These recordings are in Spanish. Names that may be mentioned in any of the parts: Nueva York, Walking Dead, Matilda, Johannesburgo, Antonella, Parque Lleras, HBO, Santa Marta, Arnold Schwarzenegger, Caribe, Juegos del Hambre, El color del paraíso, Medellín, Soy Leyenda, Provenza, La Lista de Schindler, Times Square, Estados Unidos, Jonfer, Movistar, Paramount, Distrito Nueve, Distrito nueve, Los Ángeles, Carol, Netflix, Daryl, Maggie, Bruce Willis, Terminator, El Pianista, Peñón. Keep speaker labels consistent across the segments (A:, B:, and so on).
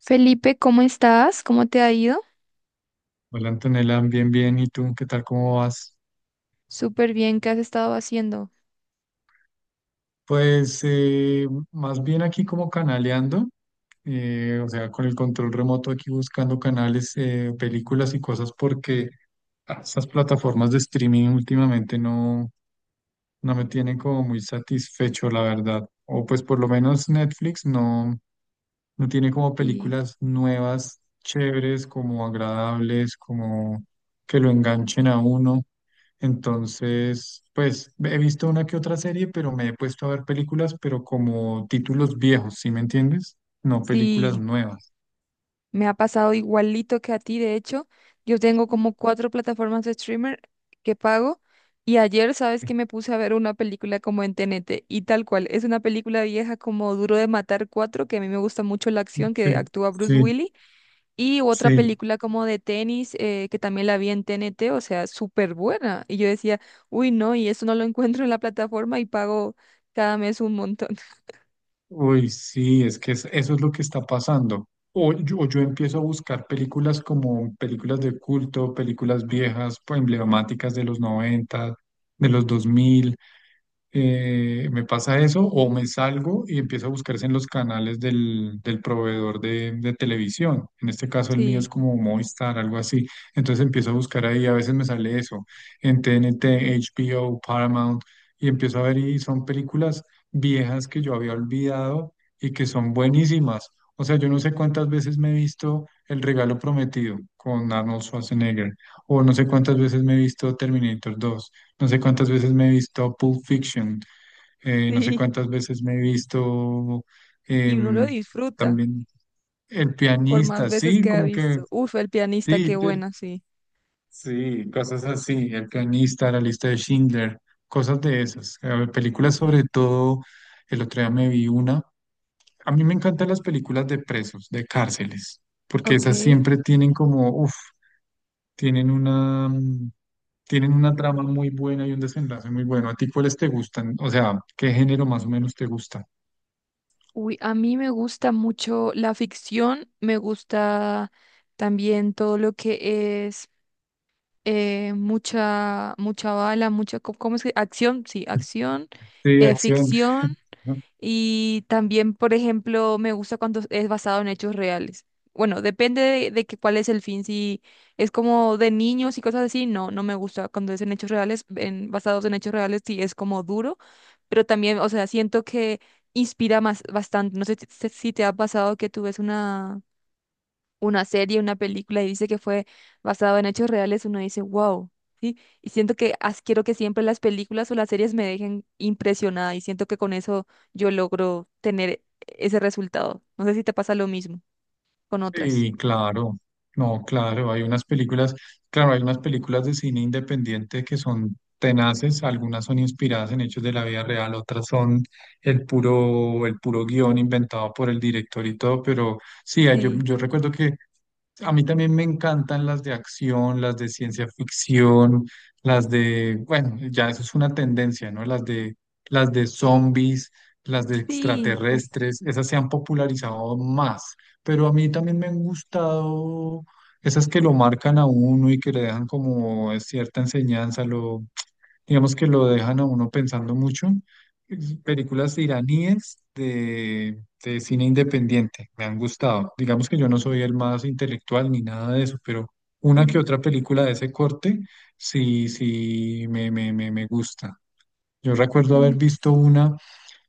A: Felipe, ¿cómo estás? ¿Cómo te ha ido?
B: Hola Antonella, bien, bien. ¿Y tú qué tal? ¿Cómo vas?
A: Súper bien, ¿qué has estado haciendo?
B: Pues más bien aquí como canaleando, o sea, con el control remoto aquí buscando canales, películas y cosas porque esas plataformas de streaming últimamente no, no me tiene como muy satisfecho, la verdad. O pues por lo menos Netflix no, no tiene como
A: Sí,
B: películas nuevas, chéveres, como agradables, como que lo enganchen a uno. Entonces, pues he visto una que otra serie, pero me he puesto a ver películas, pero como títulos viejos, ¿sí me entiendes? No películas
A: sí,
B: nuevas.
A: me ha pasado igualito que a ti, de hecho. Yo tengo como cuatro plataformas de streamer que pago y ayer, ¿sabes que me puse a ver una película como en TNT? Y tal cual. Es una película vieja como Duro de Matar cuatro, que a mí me gusta mucho la acción
B: Sí,
A: que actúa Bruce
B: sí,
A: Willis. Y otra
B: sí.
A: película como de tenis, que también la vi en T N T, o sea, súper buena. Y yo decía, uy, no, y eso no lo encuentro en la plataforma y pago cada mes un montón.
B: Uy, sí, es que eso es lo que está pasando. O yo empiezo a buscar películas como películas de culto, películas viejas, pues, emblemáticas de los noventa, de los dos mil. Me pasa eso o me salgo y empiezo a buscarse en los canales del proveedor de televisión. En este caso el mío es
A: Sí,
B: como Movistar, algo así. Entonces empiezo a buscar ahí, a veces me sale eso, en TNT, HBO, Paramount, y empiezo a ver y son películas viejas que yo había olvidado y que son buenísimas. O sea, yo no sé cuántas veces me he visto El Regalo Prometido con Arnold Schwarzenegger, o no sé cuántas veces me he visto Terminator dos, no sé cuántas veces me he visto Pulp Fiction, no sé
A: sí.
B: cuántas veces me he visto
A: Y uno lo
B: em,
A: disfruta
B: también El
A: por más
B: Pianista,
A: veces
B: sí,
A: que ha
B: como que
A: visto. Uf, el pianista,
B: sí,
A: qué buena, sí.
B: sí, cosas así, El Pianista, La Lista de Schindler, cosas de esas. A ver, películas sobre todo, el otro día me vi una. A mí me encantan las películas de presos, de cárceles, porque esas
A: Ok.
B: siempre tienen como, uff. Tienen una, tienen una trama muy buena y un desenlace muy bueno. ¿A ti cuáles te gustan? O sea, ¿qué género más o menos te gusta?
A: Uy, a mí me gusta mucho la ficción, me gusta también todo lo que es, mucha bala, ¿cómo es que? Acción, sí, acción,
B: Sí, de acción.
A: ficción. Y también, por ejemplo, me gusta cuando es basado en hechos reales. Bueno, depende de que cuál es el fin. Si es como de niños y cosas así, no, no me gusta cuando es en hechos reales, en, basados en hechos reales, sí es como duro, pero también, o sea, siento que inspira más bastante. No sé si te ha pasado que tú ves una serie, una película y dice que fue basado en hechos reales, uno dice, wow, ¿sí? Y siento que quiero que siempre las películas o las series me dejen impresionada y siento que con eso yo logro tener ese resultado. No sé si te pasa lo mismo con otras.
B: Sí, claro, no, claro, hay unas películas, claro, hay unas películas de cine independiente que son tenaces, algunas son inspiradas en hechos de la vida real, otras son el puro guión inventado por el director y todo, pero sí,
A: Sí,
B: yo recuerdo que a mí también me encantan las de acción, las de ciencia ficción, las de, bueno, ya eso es una tendencia, ¿no? Las de zombies, las de
A: sí, uf,
B: extraterrestres, esas se han popularizado más, pero a mí también me han gustado esas que lo marcan a uno y que le dejan como cierta enseñanza, lo, digamos que lo dejan a uno pensando mucho. Películas iraníes de cine independiente me han gustado. Digamos que yo no soy el más intelectual ni nada de eso, pero una que
A: sí.
B: otra película de ese corte sí, sí me gusta. Yo recuerdo haber
A: Uy,
B: visto una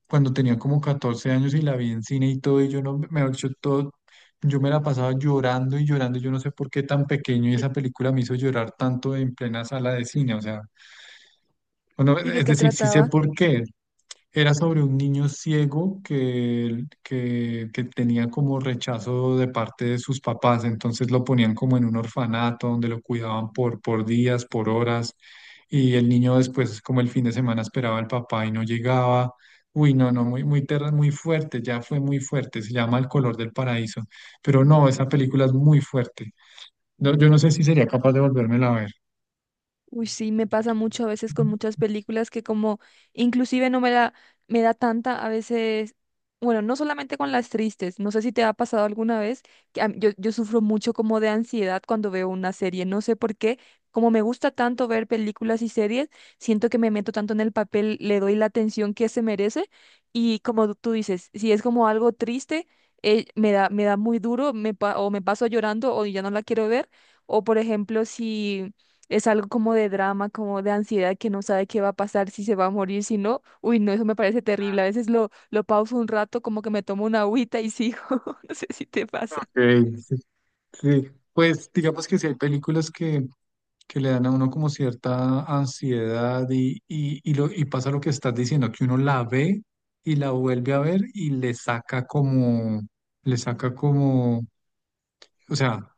B: cuando tenía como 14 años y la vi en cine y todo, y yo no, mejor dicho, todo, yo me la pasaba llorando y llorando, yo no sé por qué tan pequeño y esa película me hizo llorar tanto en plena sala de cine, o sea, bueno,
A: ¿y de
B: es
A: qué
B: decir, sí sé
A: trataba?
B: por qué, era sobre un niño ciego que tenía como rechazo de parte de sus papás, entonces lo ponían como en un orfanato donde lo cuidaban por días, por horas, y el niño después, como el fin de semana, esperaba al papá y no llegaba. Uy, no, no, muy, muy, muy fuerte, ya fue muy fuerte, se llama El color del paraíso, pero no, esa película es muy fuerte. No, yo no sé si sería capaz de volvérmela a ver.
A: Uy, sí, me pasa mucho a veces con muchas películas que como inclusive no me da, me da tanta a veces, bueno, no solamente con las tristes, no sé si te ha pasado alguna vez, que yo sufro mucho como de ansiedad cuando veo una serie, no sé por qué, como me gusta tanto ver películas y series, siento que me meto tanto en el papel, le doy la atención que se merece y como tú dices, si es como algo triste, me da muy duro, o me paso llorando o ya no la quiero ver, o por ejemplo si... Es algo como de drama, como de ansiedad que no sabe qué va a pasar, si se va a morir, si no. Uy, no, eso me parece terrible. A veces lo pauso un rato, como que me tomo una agüita y sigo. No sé si te pasa.
B: Ok. Sí, pues digamos que sí hay películas que le dan a uno como cierta ansiedad lo, y pasa lo que estás diciendo, que uno la ve y la vuelve a ver y le saca como, o sea,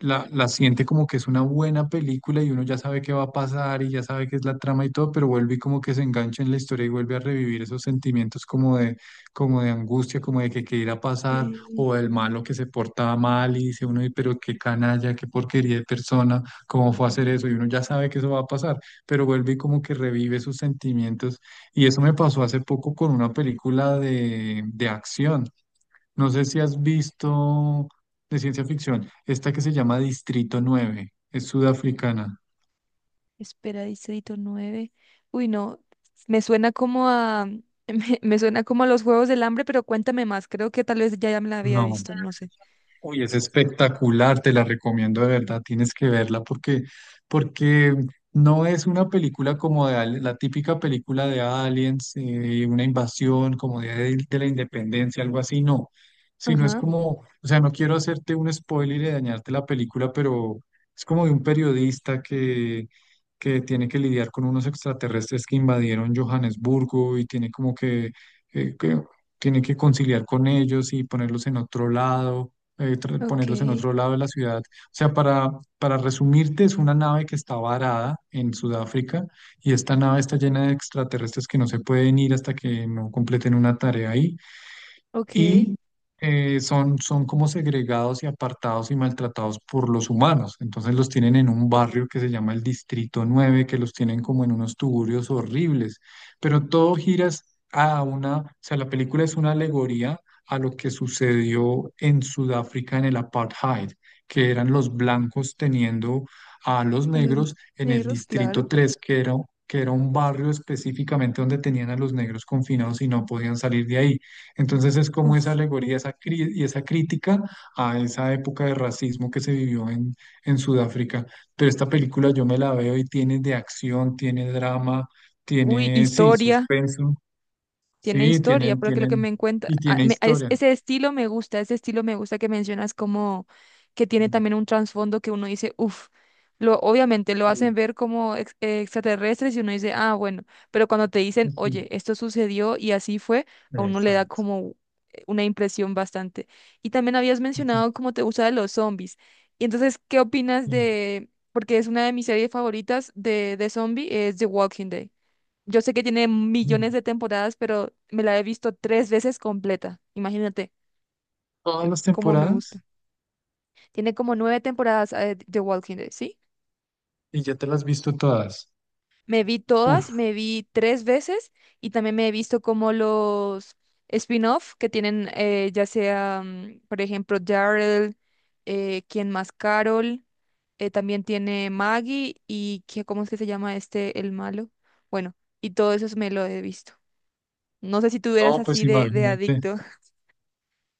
B: la siente como que es una buena película y uno ya sabe qué va a pasar y ya sabe qué es la trama y todo, pero vuelve y como que se engancha en la historia y vuelve a revivir esos sentimientos como de angustia, como de que qué irá a pasar,
A: Sí.
B: o del malo que se porta mal y dice uno, "Ay, pero qué canalla, qué porquería de persona, cómo fue a hacer eso", y uno ya sabe que eso va a pasar, pero vuelve y como que revive sus sentimientos. Y eso me pasó hace poco con una película de acción. No sé si has visto de ciencia ficción, esta que se llama Distrito 9, es sudafricana.
A: Espera, Distrito nueve. Uy, no, me suena como a, me suena como a los Juegos del Hambre, pero cuéntame más. Creo que tal vez ya, ya me la había
B: No.
A: visto, no sé.
B: Uy, es espectacular, te la recomiendo de verdad, tienes que verla porque, porque no es una película como de, la típica película de aliens, una invasión como de la independencia, algo así, no, sino es
A: Ajá,
B: como, o sea, no quiero hacerte un spoiler y dañarte la película, pero es como de un periodista que tiene que lidiar con unos extraterrestres que invadieron Johannesburgo y tiene como que tiene que conciliar con ellos y ponerlos en otro lado,
A: ok,
B: ponerlos en otro lado de la ciudad. O sea, para resumirte, es una nave que está varada en Sudáfrica y esta nave está llena de extraterrestres que no se pueden ir hasta que no completen una tarea ahí.
A: ok.
B: Y son, son como segregados y apartados y maltratados por los humanos. Entonces los tienen en un barrio que se llama el Distrito 9, que los tienen como en unos tugurios horribles, pero todo gira a una, o sea, la película es una alegoría a lo que sucedió en Sudáfrica en el apartheid, que eran los blancos teniendo a los
A: A los
B: negros en el
A: negros,
B: Distrito
A: claro.
B: tres que era un barrio específicamente donde tenían a los negros confinados y no podían salir de ahí. Entonces es como esa
A: Uf,
B: alegoría, esa y esa crítica a esa época de racismo que se vivió en Sudáfrica. Pero esta película yo me la veo y tiene de acción, tiene drama,
A: uy,
B: tiene, sí,
A: historia.
B: suspenso,
A: Tiene
B: sí,
A: historia,
B: tiene,
A: porque lo que me
B: tienen
A: encuentra,
B: y tiene historia.
A: ese estilo me gusta, ese estilo me gusta que mencionas, como que tiene también un trasfondo que uno dice, uff, lo, obviamente lo hacen
B: Sí,
A: ver como extraterrestres y uno dice, ah, bueno, pero cuando te dicen,
B: sí,
A: oye, esto sucedió y así fue, a uno le da
B: exacto.
A: como, una impresión bastante. Y también habías
B: Sí.
A: mencionado cómo te gusta de los zombies. Y entonces, ¿qué opinas de, porque es una de mis series favoritas de zombie, es The Walking Dead? Yo sé que tiene
B: Mm.
A: millones de temporadas, pero me la he visto tres veces completa. Imagínate
B: Todas las
A: cómo me
B: temporadas
A: gusta. Tiene como nueve temporadas, de Walking Dead, ¿sí?
B: y ya te las has visto todas.
A: Me vi todas,
B: Uf,
A: me vi tres veces y también me he visto como los spin-off que tienen, ya sea, por ejemplo, Daryl, ¿quién más? Carol, también tiene Maggie ¿cómo es que se llama este, el malo? Bueno, y todo eso me lo he visto. No sé si tú eras
B: no, pues
A: así de
B: imagínate.
A: adicto.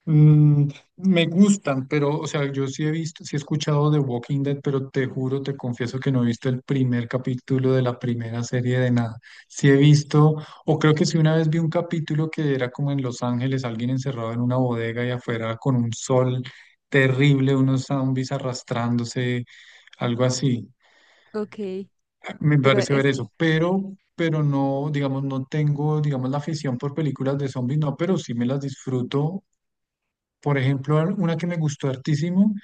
B: Mm, me gustan, pero, o sea, yo sí he visto, sí he escuchado de Walking Dead, pero te juro, te confieso que no he visto el primer capítulo de la primera serie de nada. Sí he visto, o creo que sí una vez vi un capítulo que era como en Los Ángeles, alguien encerrado en una bodega y afuera con un sol terrible, unos zombies arrastrándose, algo así.
A: Ok.
B: Me
A: Pero
B: parece ver
A: es,
B: eso, pero no, digamos, no tengo, digamos, la afición por películas de zombies, no, pero sí me las disfruto por ejemplo, una que me gustó hartísimo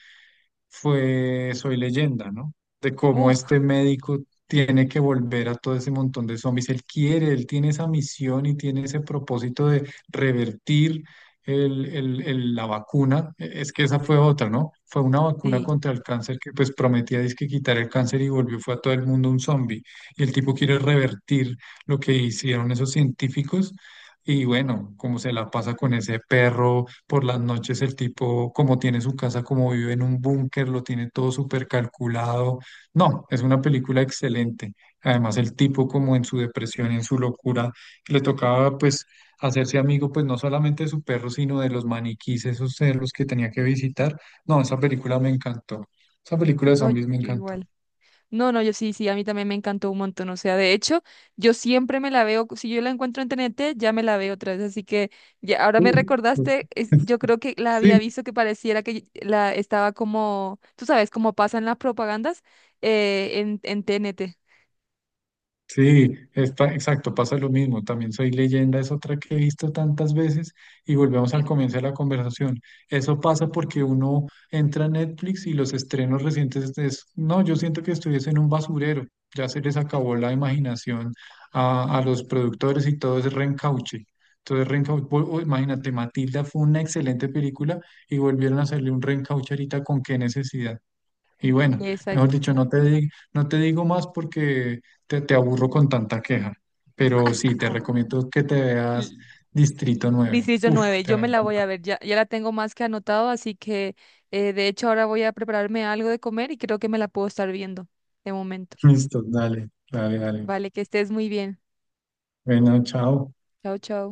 B: fue Soy Leyenda, ¿no? De cómo
A: uff,
B: este médico tiene que volver a todo ese montón de zombies. Él quiere, él tiene esa misión y tiene ese propósito de revertir la vacuna. Es que esa fue otra, ¿no? Fue una vacuna
A: sí,
B: contra el cáncer que pues prometía dizque quitar el cáncer y volvió, fue a todo el mundo un zombie. Y el tipo quiere revertir lo que hicieron esos científicos. Y bueno, cómo se la pasa con ese perro por las noches el tipo, como tiene su casa, como vive en un búnker, lo tiene todo súper calculado. No, es una película excelente. Además, el tipo como en su depresión, en su locura, le tocaba pues hacerse amigo pues no solamente de su perro, sino de los maniquís, esos cerros que tenía que visitar. No, esa película me encantó. Esa película de
A: no,
B: zombies me
A: yo
B: encantó.
A: igual. No, no, yo sí, sí, a mí también me encantó un montón. O sea, de hecho, yo siempre me la veo, si yo la encuentro en T N T ya me la veo otra vez. Así que ya, ahora me
B: Sí, pues,
A: recordaste, yo creo que la
B: sí,
A: había visto, que pareciera que la estaba como, tú sabes, como pasan las propagandas, en T N T.
B: sí, está, exacto, pasa lo mismo. También Soy Leyenda es otra que he visto tantas veces, y volvemos al comienzo de la conversación. Eso pasa porque uno entra a Netflix y los estrenos recientes es, no, yo siento que estuviese en un basurero. Ya se les acabó la imaginación a los productores y todo es reencauche. Entonces, reencauche, imagínate, Matilda fue una excelente película y volvieron a hacerle un reencauche ahorita con qué necesidad. Y bueno, mejor
A: Exacto.
B: dicho, no te digo más porque te aburro con tanta queja, pero sí, te recomiendo que te veas
A: L-
B: Distrito 9.
A: Distrito
B: Uf,
A: nueve
B: te
A: yo
B: va a
A: me la voy
B: encantar.
A: a ver, ya, ya la tengo más que anotado, así que, de hecho ahora voy a prepararme algo de comer y creo que me la puedo estar viendo de momento.
B: Listo, dale, dale, dale.
A: Vale, que estés muy bien.
B: Bueno, chao.
A: Chao, chao.